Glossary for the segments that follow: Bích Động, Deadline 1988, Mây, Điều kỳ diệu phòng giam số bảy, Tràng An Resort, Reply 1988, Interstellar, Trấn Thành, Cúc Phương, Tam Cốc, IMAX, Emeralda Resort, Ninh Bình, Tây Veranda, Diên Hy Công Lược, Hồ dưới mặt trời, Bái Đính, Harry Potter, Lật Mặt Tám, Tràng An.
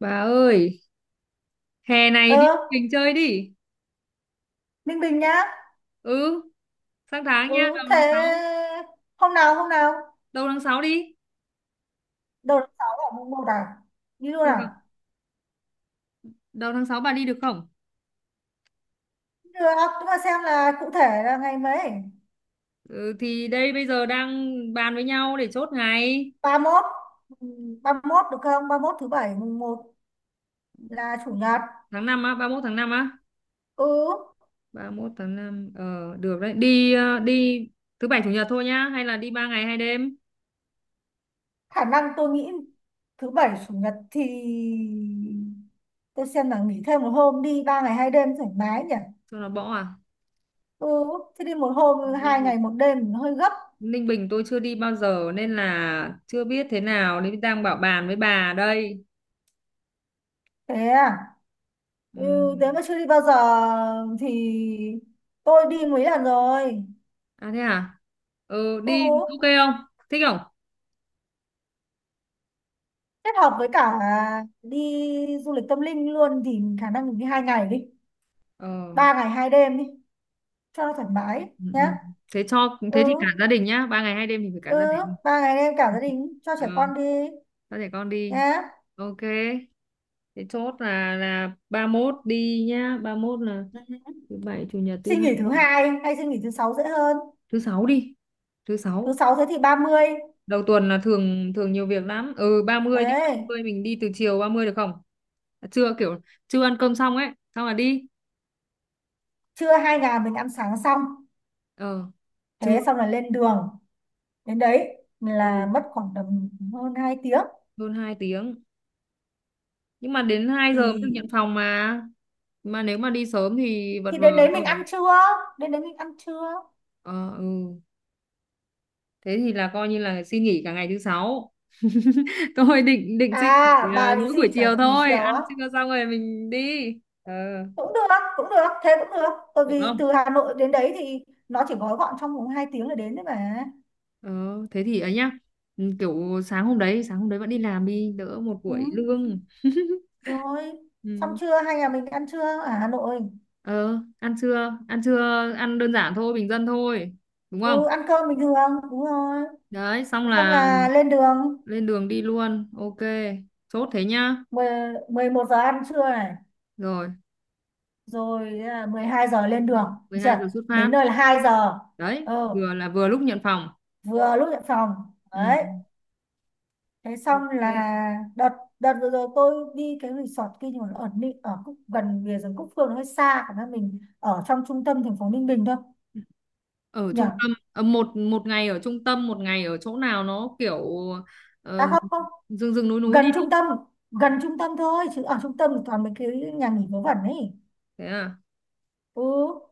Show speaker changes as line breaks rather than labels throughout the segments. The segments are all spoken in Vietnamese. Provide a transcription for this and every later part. Bà ơi, hè
Ừ,
này đi mình chơi đi.
Ninh Bình nhá.
Ừ, sang tháng nha, đầu
Ừ,
tháng
thế
sáu.
hôm nào
Đầu tháng 6 đi.
đầu tháng sáu, ở mùng một à? Đi luôn
Được không?
à?
Đầu tháng 6 bà đi được không?
Được à, nhưng mà xem là cụ thể là ngày mấy.
Ừ, thì đây bây giờ đang bàn với nhau để chốt ngày.
Ba mốt. Ừ, ba mốt được không? Ba mốt thứ bảy, mùng một là chủ nhật.
Tháng năm á, 31 tháng 5 á.
Ừ,
31 tháng 5 được đấy. Đi đi thứ bảy chủ nhật thôi nhá, hay là đi 3 ngày hai đêm
khả năng tôi nghĩ thứ bảy chủ nhật thì tôi xem là nghỉ thêm một hôm, đi ba ngày hai đêm thoải mái nhỉ.
cho nó bỏ à?
Ừ, thế đi một hôm hai ngày một đêm hơi gấp.
Ninh Bình tôi chưa đi bao giờ nên là chưa biết thế nào nên đang bảo bàn với bà đây.
Thế à?
Ừ.
Ừ, thế mà chưa đi bao giờ. Thì tôi đi mấy lần rồi.
À thế à? Ừ,
Ừ,
đi ok không? Thích không?
kết hợp với cả đi du lịch tâm linh luôn thì khả năng mình đi hai ngày đi.
Ờ.
Ba ngày hai đêm đi, cho nó thoải mái
Ừ,
nhá.
ừ. Thế cho thế thì
Ừ,
cả gia đình nhá, ba ngày hai đêm thì phải cả gia
ừ,
đình.
ba ngày đêm cả
Ừ.
gia đình, cho
Ờ,
trẻ con đi
cho trẻ con đi.
nhá.
Ok. Thế chốt là ba mốt đi nhá, ba mốt là
Ừ.
thứ bảy, chủ nhật, thứ
Xin
hai,
nghỉ thứ hai hay xin nghỉ thứ sáu dễ hơn.
thứ sáu đi. Thứ
Thứ
sáu.
sáu thế thì 30.
Đầu tuần là thường thường nhiều việc lắm. Ừ, 30 đi, ba
Đấy,
mươi mình đi từ chiều 30 được không? À, trưa kiểu chưa ăn cơm xong ấy, xong là đi.
trưa hai ngày mình ăn sáng xong.
Ờ, trưa
Thế xong là lên đường. Đến đấy là
ừ,
mất khoảng tầm hơn 2 tiếng.
hơn 2 tiếng. Nhưng mà đến 2 giờ mới được nhận
thì
phòng mà nếu mà đi sớm thì vật
thì
vờ
đến đấy mình ăn
đâu.
trưa, đến đấy mình ăn trưa
Ờ, ừ. Thế thì là coi như là xin nghỉ cả ngày thứ sáu. Tôi định định xin nghỉ
à bà định
mỗi buổi
xin cả
chiều
nghỉ
thôi,
chiều
ăn
á?
trưa xong rồi mình đi. Ờ,
Cũng được, thế cũng được. Bởi
được
vì
không?
từ Hà Nội đến đấy thì nó chỉ gói gọn trong vòng hai tiếng là đến đấy mà.
Ờ, thế thì ấy nhá. Ừ, kiểu sáng hôm đấy, sáng hôm đấy vẫn đi làm, đi đỡ một
Ừ,
buổi lương.
rồi. Xong
Ừ.
trưa 2 nhà mình ăn trưa ở Hà Nội.
Ờ, ăn trưa, ăn trưa ăn đơn giản thôi, bình dân thôi, đúng không?
Ừ, ăn cơm bình thường, đúng rồi.
Đấy xong
Xong
là
là lên đường.
lên đường đi luôn, ok. Chốt thế nhá.
Mười Mười một giờ ăn trưa này,
Rồi
rồi là 12 giờ lên đường.
mười
Được
hai
chưa?
giờ xuất
Đến
phát.
nơi là 2 giờ.
Đấy
Ừ,
vừa là vừa lúc nhận phòng.
vừa lúc nhận phòng.
Ừ.
Đấy, thế xong là
Ok.
đợt đợt vừa rồi tôi đi cái resort kia, nhưng mà nó ở ở Cúc, gần bìa rừng Cúc Phương, nó hơi xa. Khả năng mình ở trong trung tâm thành phố Ninh Bình thôi
Ở
nhỉ?
trung tâm một một ngày ở trung tâm, một ngày ở chỗ nào nó kiểu ờ,
À không không
rừng rừng núi núi
gần
đi.
trung tâm, thôi, chứ ở trung tâm thì toàn mấy cái nhà nghỉ vớ vẩn ấy.
Thế à.
Ừ,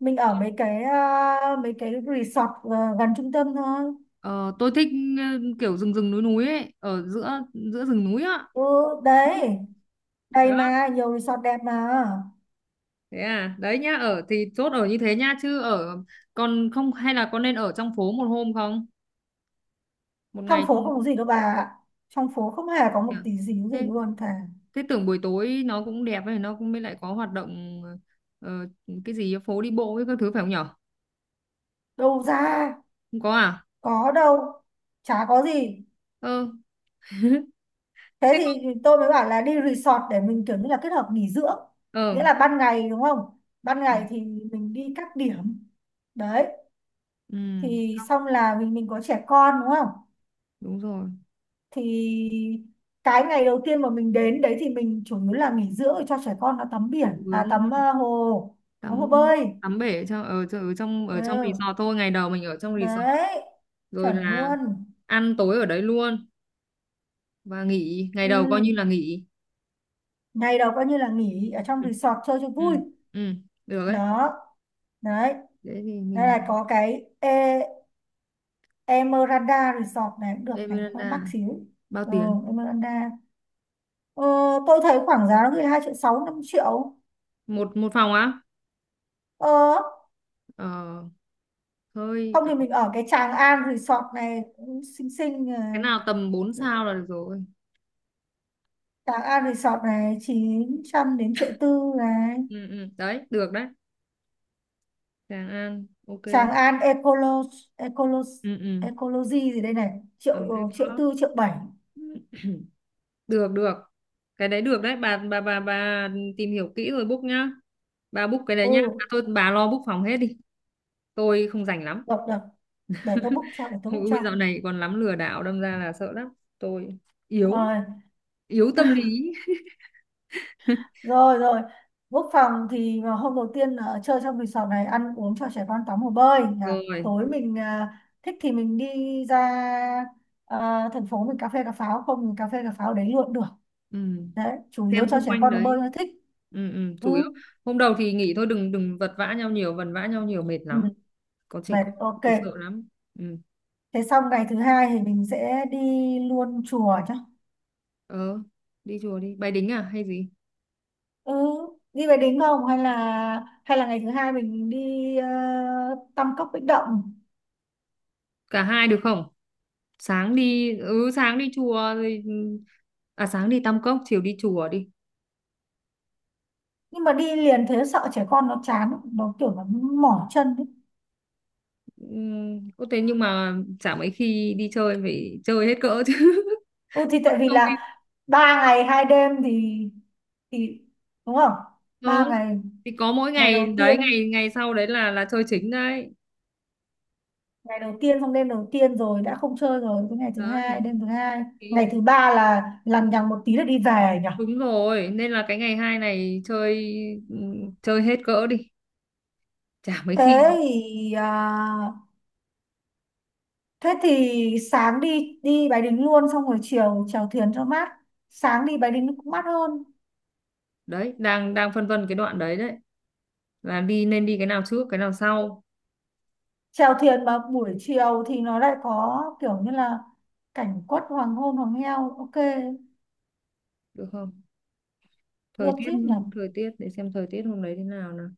mình ở mấy cái, resort gần trung tâm thôi.
Ờ, tôi thích ờ, kiểu rừng rừng núi núi ấy, ở giữa, giữa rừng núi á.
Ừ, đấy, đây
Đó,
mà nhiều resort đẹp mà.
thế à. Đấy nhá, ở thì chốt ở như thế nhá, chứ ở còn không hay là có nên ở trong phố một hôm không, một
Trong
ngày không
phố
nhỉ?
không có gì đâu bà ạ. Trong phố không hề có một tí díu gì
Thế,
luôn. Thà
thế tưởng buổi tối nó cũng đẹp ấy, nó cũng mới lại có hoạt động ờ, cái gì phố đi bộ với các thứ, phải không nhở?
đâu ra,
Không có à?
có đâu, chả có gì.
Ờ,
Thế
thế có.
thì tôi mới bảo là đi resort để mình kiểu như là kết hợp nghỉ dưỡng.
Ờ.
Nghĩa là ban ngày đúng không, ban
Ừ,
ngày thì mình đi các điểm đấy.
ừ,
Thì xong là mình có trẻ con đúng không,
đúng rồi.
thì cái ngày đầu tiên mà mình đến đấy thì mình chủ yếu là nghỉ dưỡng, để cho trẻ con nó tắm biển,
Chỗ
à
hướng
tắm hồ, tắm hồ
tắm,
bơi.
tắm bể ở trong ở, ở trong, ở trong
Ừ,
resort thôi, ngày đầu mình ở trong resort,
đấy,
rồi
chuẩn
là
luôn.
ăn tối ở đấy luôn và nghỉ, ngày đầu coi như là
Ừ.
nghỉ.
Ngày đầu coi như là nghỉ ở trong
Ừ.
resort chơi cho
Ừ.
vui.
Ừ, được đấy.
Đó, đấy.
Thế thì
Đây
mình
là có cái Emeralda Resort này cũng được
Tây
này, hơi
Veranda
mắc xíu.
bao
Ừ,
tiền?
Emeralda. Ờ, tôi thấy khoảng giá nó cứ 2 triệu 6 5 triệu.
Một một phòng á?
Ờ,
Ờ, hơi.
không thì mình ở cái Tràng An Resort này cũng xinh xinh
Cái
này.
nào tầm 4 sao là được rồi.
Tràng An Resort này 900 đến triệu tư này.
Ừ, ừ, đấy được đấy. Tràng An ok.
Tràng An Ecolo, Ecolo
Ừ, ừ.
Ecology gì đây này,
Ờ, hay
triệu triệu
có.
tư triệu bảy.
Được được, cái đấy được đấy. Bà tìm hiểu kỹ rồi book nhá. Bà book cái đấy nhá,
Ừ,
à thôi bà lo book phòng hết đi, tôi không rảnh lắm.
được được, để tôi book cho,
Ui dạo này còn lắm lừa đảo, đâm ra là sợ lắm. Tôi yếu,
Rồi.
yếu tâm lý.
Rồi, quốc phòng thì mà hôm đầu tiên ở chơi trong resort này ăn uống cho trẻ con tắm hồ bơi, à
Rồi.
tối mình, à thích thì mình đi ra, à thành phố mình cà phê cà pháo không, mình cà phê cà pháo đấy luôn được.
Ừ,
Đấy, chủ yếu
xem
cho
xung
trẻ
quanh
con nó bơi
đấy.
nó thích.
Ừ, ừ,
Ừ.
chủ yếu hôm đầu thì nghỉ thôi, đừng đừng vật vã nhau nhiều, vần vã nhau nhiều mệt
Ừ.
lắm, có trẻ
Mệt,
con
ok.
thì sợ lắm. Ừ.
Thế xong ngày thứ hai thì mình sẽ đi luôn chùa chứ.
Ờ, đi chùa, đi Bái Đính à hay gì.
Ừ, đi về đính không hay là, hay là ngày thứ hai mình đi Tam Cốc Bích Động.
Cả hai được không? Sáng đi, ừ sáng đi chùa rồi, ừ. À sáng đi Tam Cốc, chiều đi chùa đi.
Nhưng mà đi liền thế sợ trẻ con nó chán, nó kiểu mỏi chân ấy.
Ừ, có thế, nhưng mà chả mấy khi đi chơi phải chơi hết cỡ chứ.
Ừ thì
Mất
tại vì
công đi.
là ba ngày hai đêm thì, thì đúng không,
Ờ
ba ngày.
thì có mỗi
ngày
ngày
đầu
đấy,
tiên
ngày ngày sau đấy là chơi chính đấy.
Ngày đầu tiên xong đêm đầu tiên rồi đã không chơi rồi, cái ngày thứ hai
Đấy,
đêm thứ hai,
thì
ngày thứ ba là lằng nhằng một tí là đi về nhỉ.
đúng rồi, nên là cái ngày hai này chơi, ừ, chơi hết cỡ đi, chả mấy
thế
khi.
thì à, Thế thì sáng đi đi Bái Đính luôn, xong rồi chiều chèo thuyền cho mát. Sáng đi Bái Đính cũng mát hơn.
Đấy, đang đang phân vân cái đoạn đấy đấy, là đi nên đi cái nào trước, cái nào sau.
Chèo thuyền mà buổi chiều thì nó lại có kiểu như là cảnh quất hoàng hôn hoàng heo, ok.
Được không? Thời
Được
tiết,
chứ nhỉ?
thời tiết để xem thời tiết hôm đấy thế nào nào.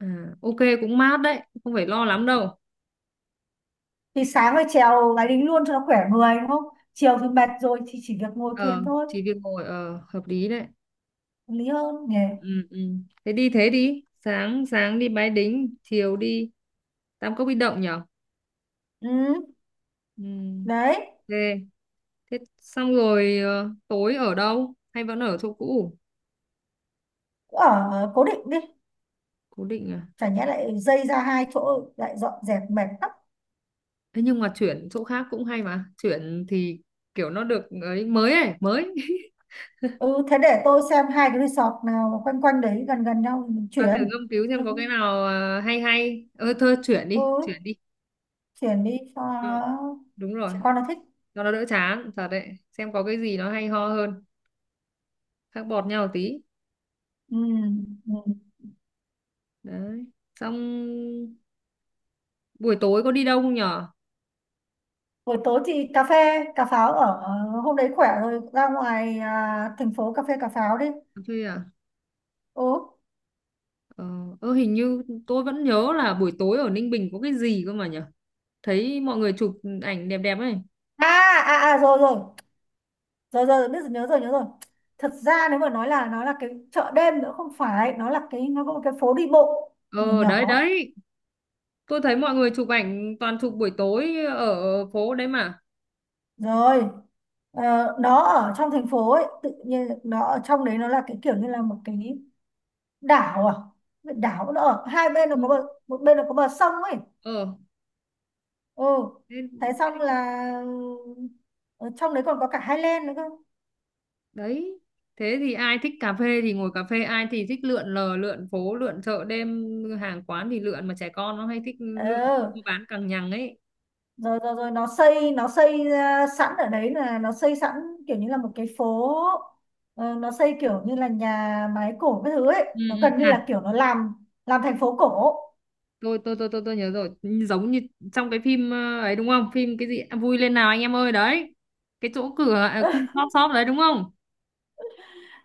À, ok cũng mát đấy, không phải lo lắm đâu.
Thì sáng phải chèo máy đính luôn cho nó khỏe người đúng không, chiều thì mệt rồi thì chỉ việc ngồi
Ờ,
thuyền thôi.
chỉ việc ngồi, ờ hợp lý đấy.
Hợp lý hơn nhỉ.
Ừ, ừ. Thế đi, sáng sáng đi Bái Đính, chiều đi Tam Cốc Bích Động nhở?
Ừ,
Ừ.
đấy,
Ok. Thế xong rồi tối ở đâu? Hay vẫn ở chỗ cũ?
cứ ở cố định đi.
Cố định à.
Chả nhẽ lại dây ra hai chỗ lại dọn dẹp mệt lắm.
Thế nhưng mà chuyển chỗ khác cũng hay mà, chuyển thì kiểu nó được ấy mới ấy mới.
Ừ, thế để tôi xem hai cái resort nào mà quanh quanh đấy gần gần nhau thì mình
Và thử
chuyển.
nghiên cứu
ừ
xem có cái nào hay hay. Ơ thôi chuyển
ừ,
đi, chuyển đi.
chuyển đi cho
Ờ, đúng rồi,
trẻ con nó thích.
cho nó đỡ chán thật đấy, xem có cái gì nó hay ho hơn, khác bọt nhau tí.
Ừ. Ừ.
Đấy. Xong buổi tối có đi đâu không nhở?
Buổi tối thì cà phê cà pháo ở, hôm đấy khỏe rồi ra ngoài, à thành phố cà phê cà pháo đi.
Chơi à.
Ừ,
Ờ, ơ, hình như tôi vẫn nhớ là buổi tối ở Ninh Bình có cái gì cơ mà nhở, thấy mọi người chụp ảnh đẹp đẹp ấy.
à à, à rồi rồi, rồi biết rồi, nhớ rồi, thật ra nếu mà nói là nó là cái chợ đêm, nữa không phải, nó là cái, nó có một cái phố đi bộ nhỏ
Ờ đấy
nhỏ,
đấy. Tôi thấy mọi người chụp ảnh toàn chụp buổi tối ở phố đấy mà.
rồi. Ờ, nó ở trong thành phố ấy, tự nhiên nó ở trong đấy nó là cái kiểu như là một cái đảo, à đảo nó ở hai bên nó có
Ừ.
bờ, một bên nó có bờ sông ấy.
Ờ,
Ừ,
thế,
thế xong
thế, thì-.
là ở trong đấy còn có cả Highland nữa cơ.
Đấy. Thế thì ai thích cà phê thì ngồi cà phê, ai thì thích lượn lờ, lượn phố, lượn chợ đêm, hàng quán thì lượn, mà trẻ con nó hay thích lượn mua
Ờ,
bán càng nhằng ấy.
rồi rồi rồi nó xây, nó xây ra sẵn ở đấy, là nó xây sẵn kiểu như là một cái phố. Ờ, nó xây kiểu như là nhà máy cổ, cái thứ
Ừ,
ấy nó
ừ.
gần như là
À,
kiểu nó làm thành phố cổ.
tôi nhớ rồi, giống như trong cái phim ấy đúng không? Phim cái gì. À, vui lên nào anh em ơi đấy. Cái chỗ cửa à, khu shop shop đấy đúng không?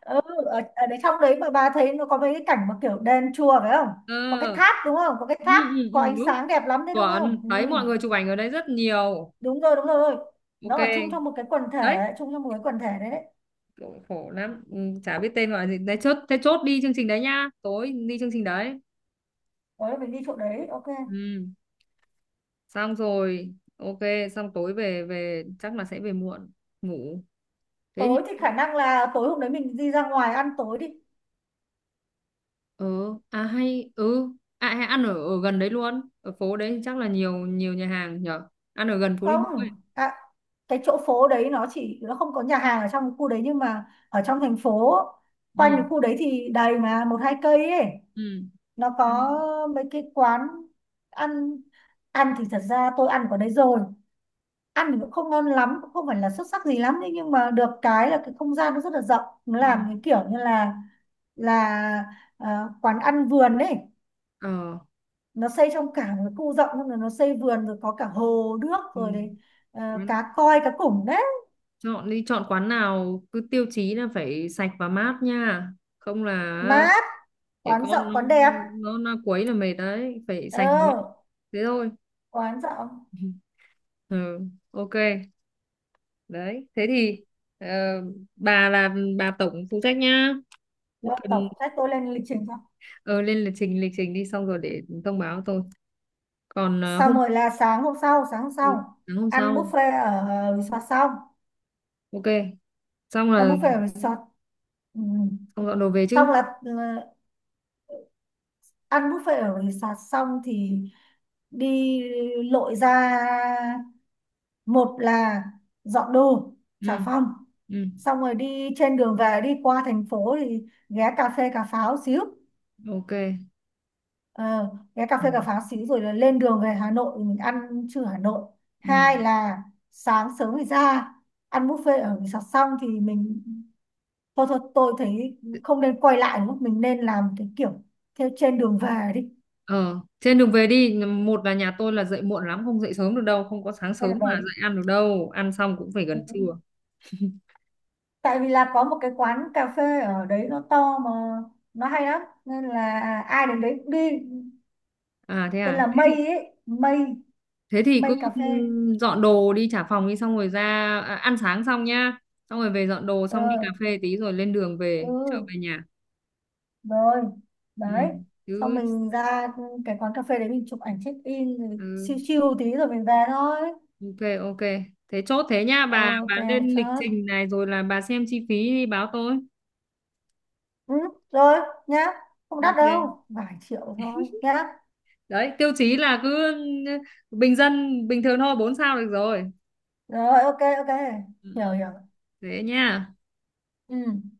Ừ, ở, đấy trong đấy mà bà thấy nó có mấy cái cảnh mà kiểu đền chùa phải không, có cái
Ờ.
tháp đúng không, có cái
Ừ,
tháp
ừ,
có
ừ,
ánh
đúng.
sáng đẹp lắm đấy đúng không.
Chuẩn,
Ừ,
thấy mọi người chụp ảnh ở đấy rất nhiều.
đúng rồi,
Ok.
nó ở chung trong một cái quần
Đấy,
thể, đấy.
khổ khổ lắm. Ừ, chả biết tên gọi là gì. Đấy chốt thế, chốt đi chương trình đấy nhá, tối đi chương trình đấy.
Tối mình đi chỗ đấy, ok.
Ừ, xong rồi ok. Xong tối về, về chắc là sẽ về muộn ngủ. Thế
Tối thì
thì
khả năng là tối hôm đấy mình đi ra ngoài ăn tối đi.
ờ, à hay ừ, à hay ăn ở, ở gần đấy luôn, ở phố đấy thì chắc là nhiều, nhiều nhà hàng nhở, ăn ở gần phố đi bộ ấy.
Không, à cái chỗ phố đấy nó chỉ, nó không có nhà hàng ở trong cái khu đấy, nhưng mà ở trong thành phố quanh
Ừ,
cái khu đấy thì đầy mà, một hai cây ấy
ừ,
nó có
ăn-.
mấy cái quán ăn. Ăn thì thật ra tôi ăn ở đấy rồi, ăn thì cũng không ngon lắm, cũng không phải là xuất sắc gì lắm, thế nhưng mà được cái là cái không gian nó rất là rộng, nó
Ừ.
làm cái kiểu như là, là ờ, quán ăn vườn đấy.
Ờ.
Nó xây trong cả một cái khu rộng, xong rồi nó xây vườn rồi có cả hồ nước rồi đấy, ờ
Ừ.
cá coi cá củng đấy.
Chọn đi, chọn quán nào cứ tiêu chí là phải sạch và mát nha. Không là
Mát,
để
quán rộng
con nó,
quán đẹp.
nó quấy là mệt đấy, phải
Ờ,
sạch và mát. Thế thôi.
quán rộng.
Ừ, ok. Đấy, thế thì ờ, bà là bà tổng phụ trách nhá. Nếu
Rồi,
cần.
tổng sách tôi lên lịch trình xong.
Ờ, lên lịch trình, lịch trình đi xong rồi để thông báo tôi. Còn ờ,
Xong
hôm
rồi là sáng hôm sau,
sáng hôm
ăn
sau.
buffet ở resort xong,
Ok. Xong
ăn
là
buffet ở resort ừ.
xong dọn đồ về chứ.
Xong là, ờ ăn buffet ở resort xong thì đi lội ra, một là dọn đồ xà
Ừ.
phòng,
Ừ,
xong rồi đi trên đường về, đi qua thành phố thì ghé cà phê cà pháo xíu.
ok.
Ờ, ghé cà
Ừ.
phê cà pháo xíu rồi là lên đường về Hà Nội thì mình ăn trưa Hà Nội.
Ừ.
Hai là sáng sớm thì ra ăn buffet ở resort xong thì mình, thôi thôi tôi thấy không nên quay lại nữa, mình nên làm cái kiểu theo trên đường về đi,
Ờ, trên đường về đi, một là nhà tôi là dậy muộn lắm, không dậy sớm được đâu, không có sáng
trên
sớm
đường về
mà
đi
dậy ăn được đâu, ăn xong cũng phải
Ừ.
gần trưa.
Tại vì là có một cái quán cà phê ở đấy nó to mà, nó hay lắm nên là, à ai đến đấy cũng đi. Tên
À,
là Mây ấy, Mây,
thế thì cứ
Cà phê.
dọn đồ đi trả phòng đi, xong rồi ra. À, ăn sáng xong nhá, xong rồi về dọn đồ, xong đi cà
Ờ,
phê tí rồi lên đường
ừ,
về, trở về nhà.
rồi,
Ừ,
đấy. Xong
cứ,
mình ra cái quán cà phê đấy, mình chụp ảnh check in rồi
ừ,
chill chill tí rồi mình về thôi.
ok, ok, thế chốt thế nhá, bà
Ok,
lên lịch
chết,
trình này rồi là bà xem chi phí đi báo tôi.
ừ, rồi nhá. Không đắt
Ok,
đâu, vài triệu thôi nhá.
đấy, tiêu chí là cứ ừ, bình dân, bình thường thôi, 4 sao được rồi.
Rồi, ok, ok
Ừ,
hiểu
ừ,
hiểu
thế nha.
ừ.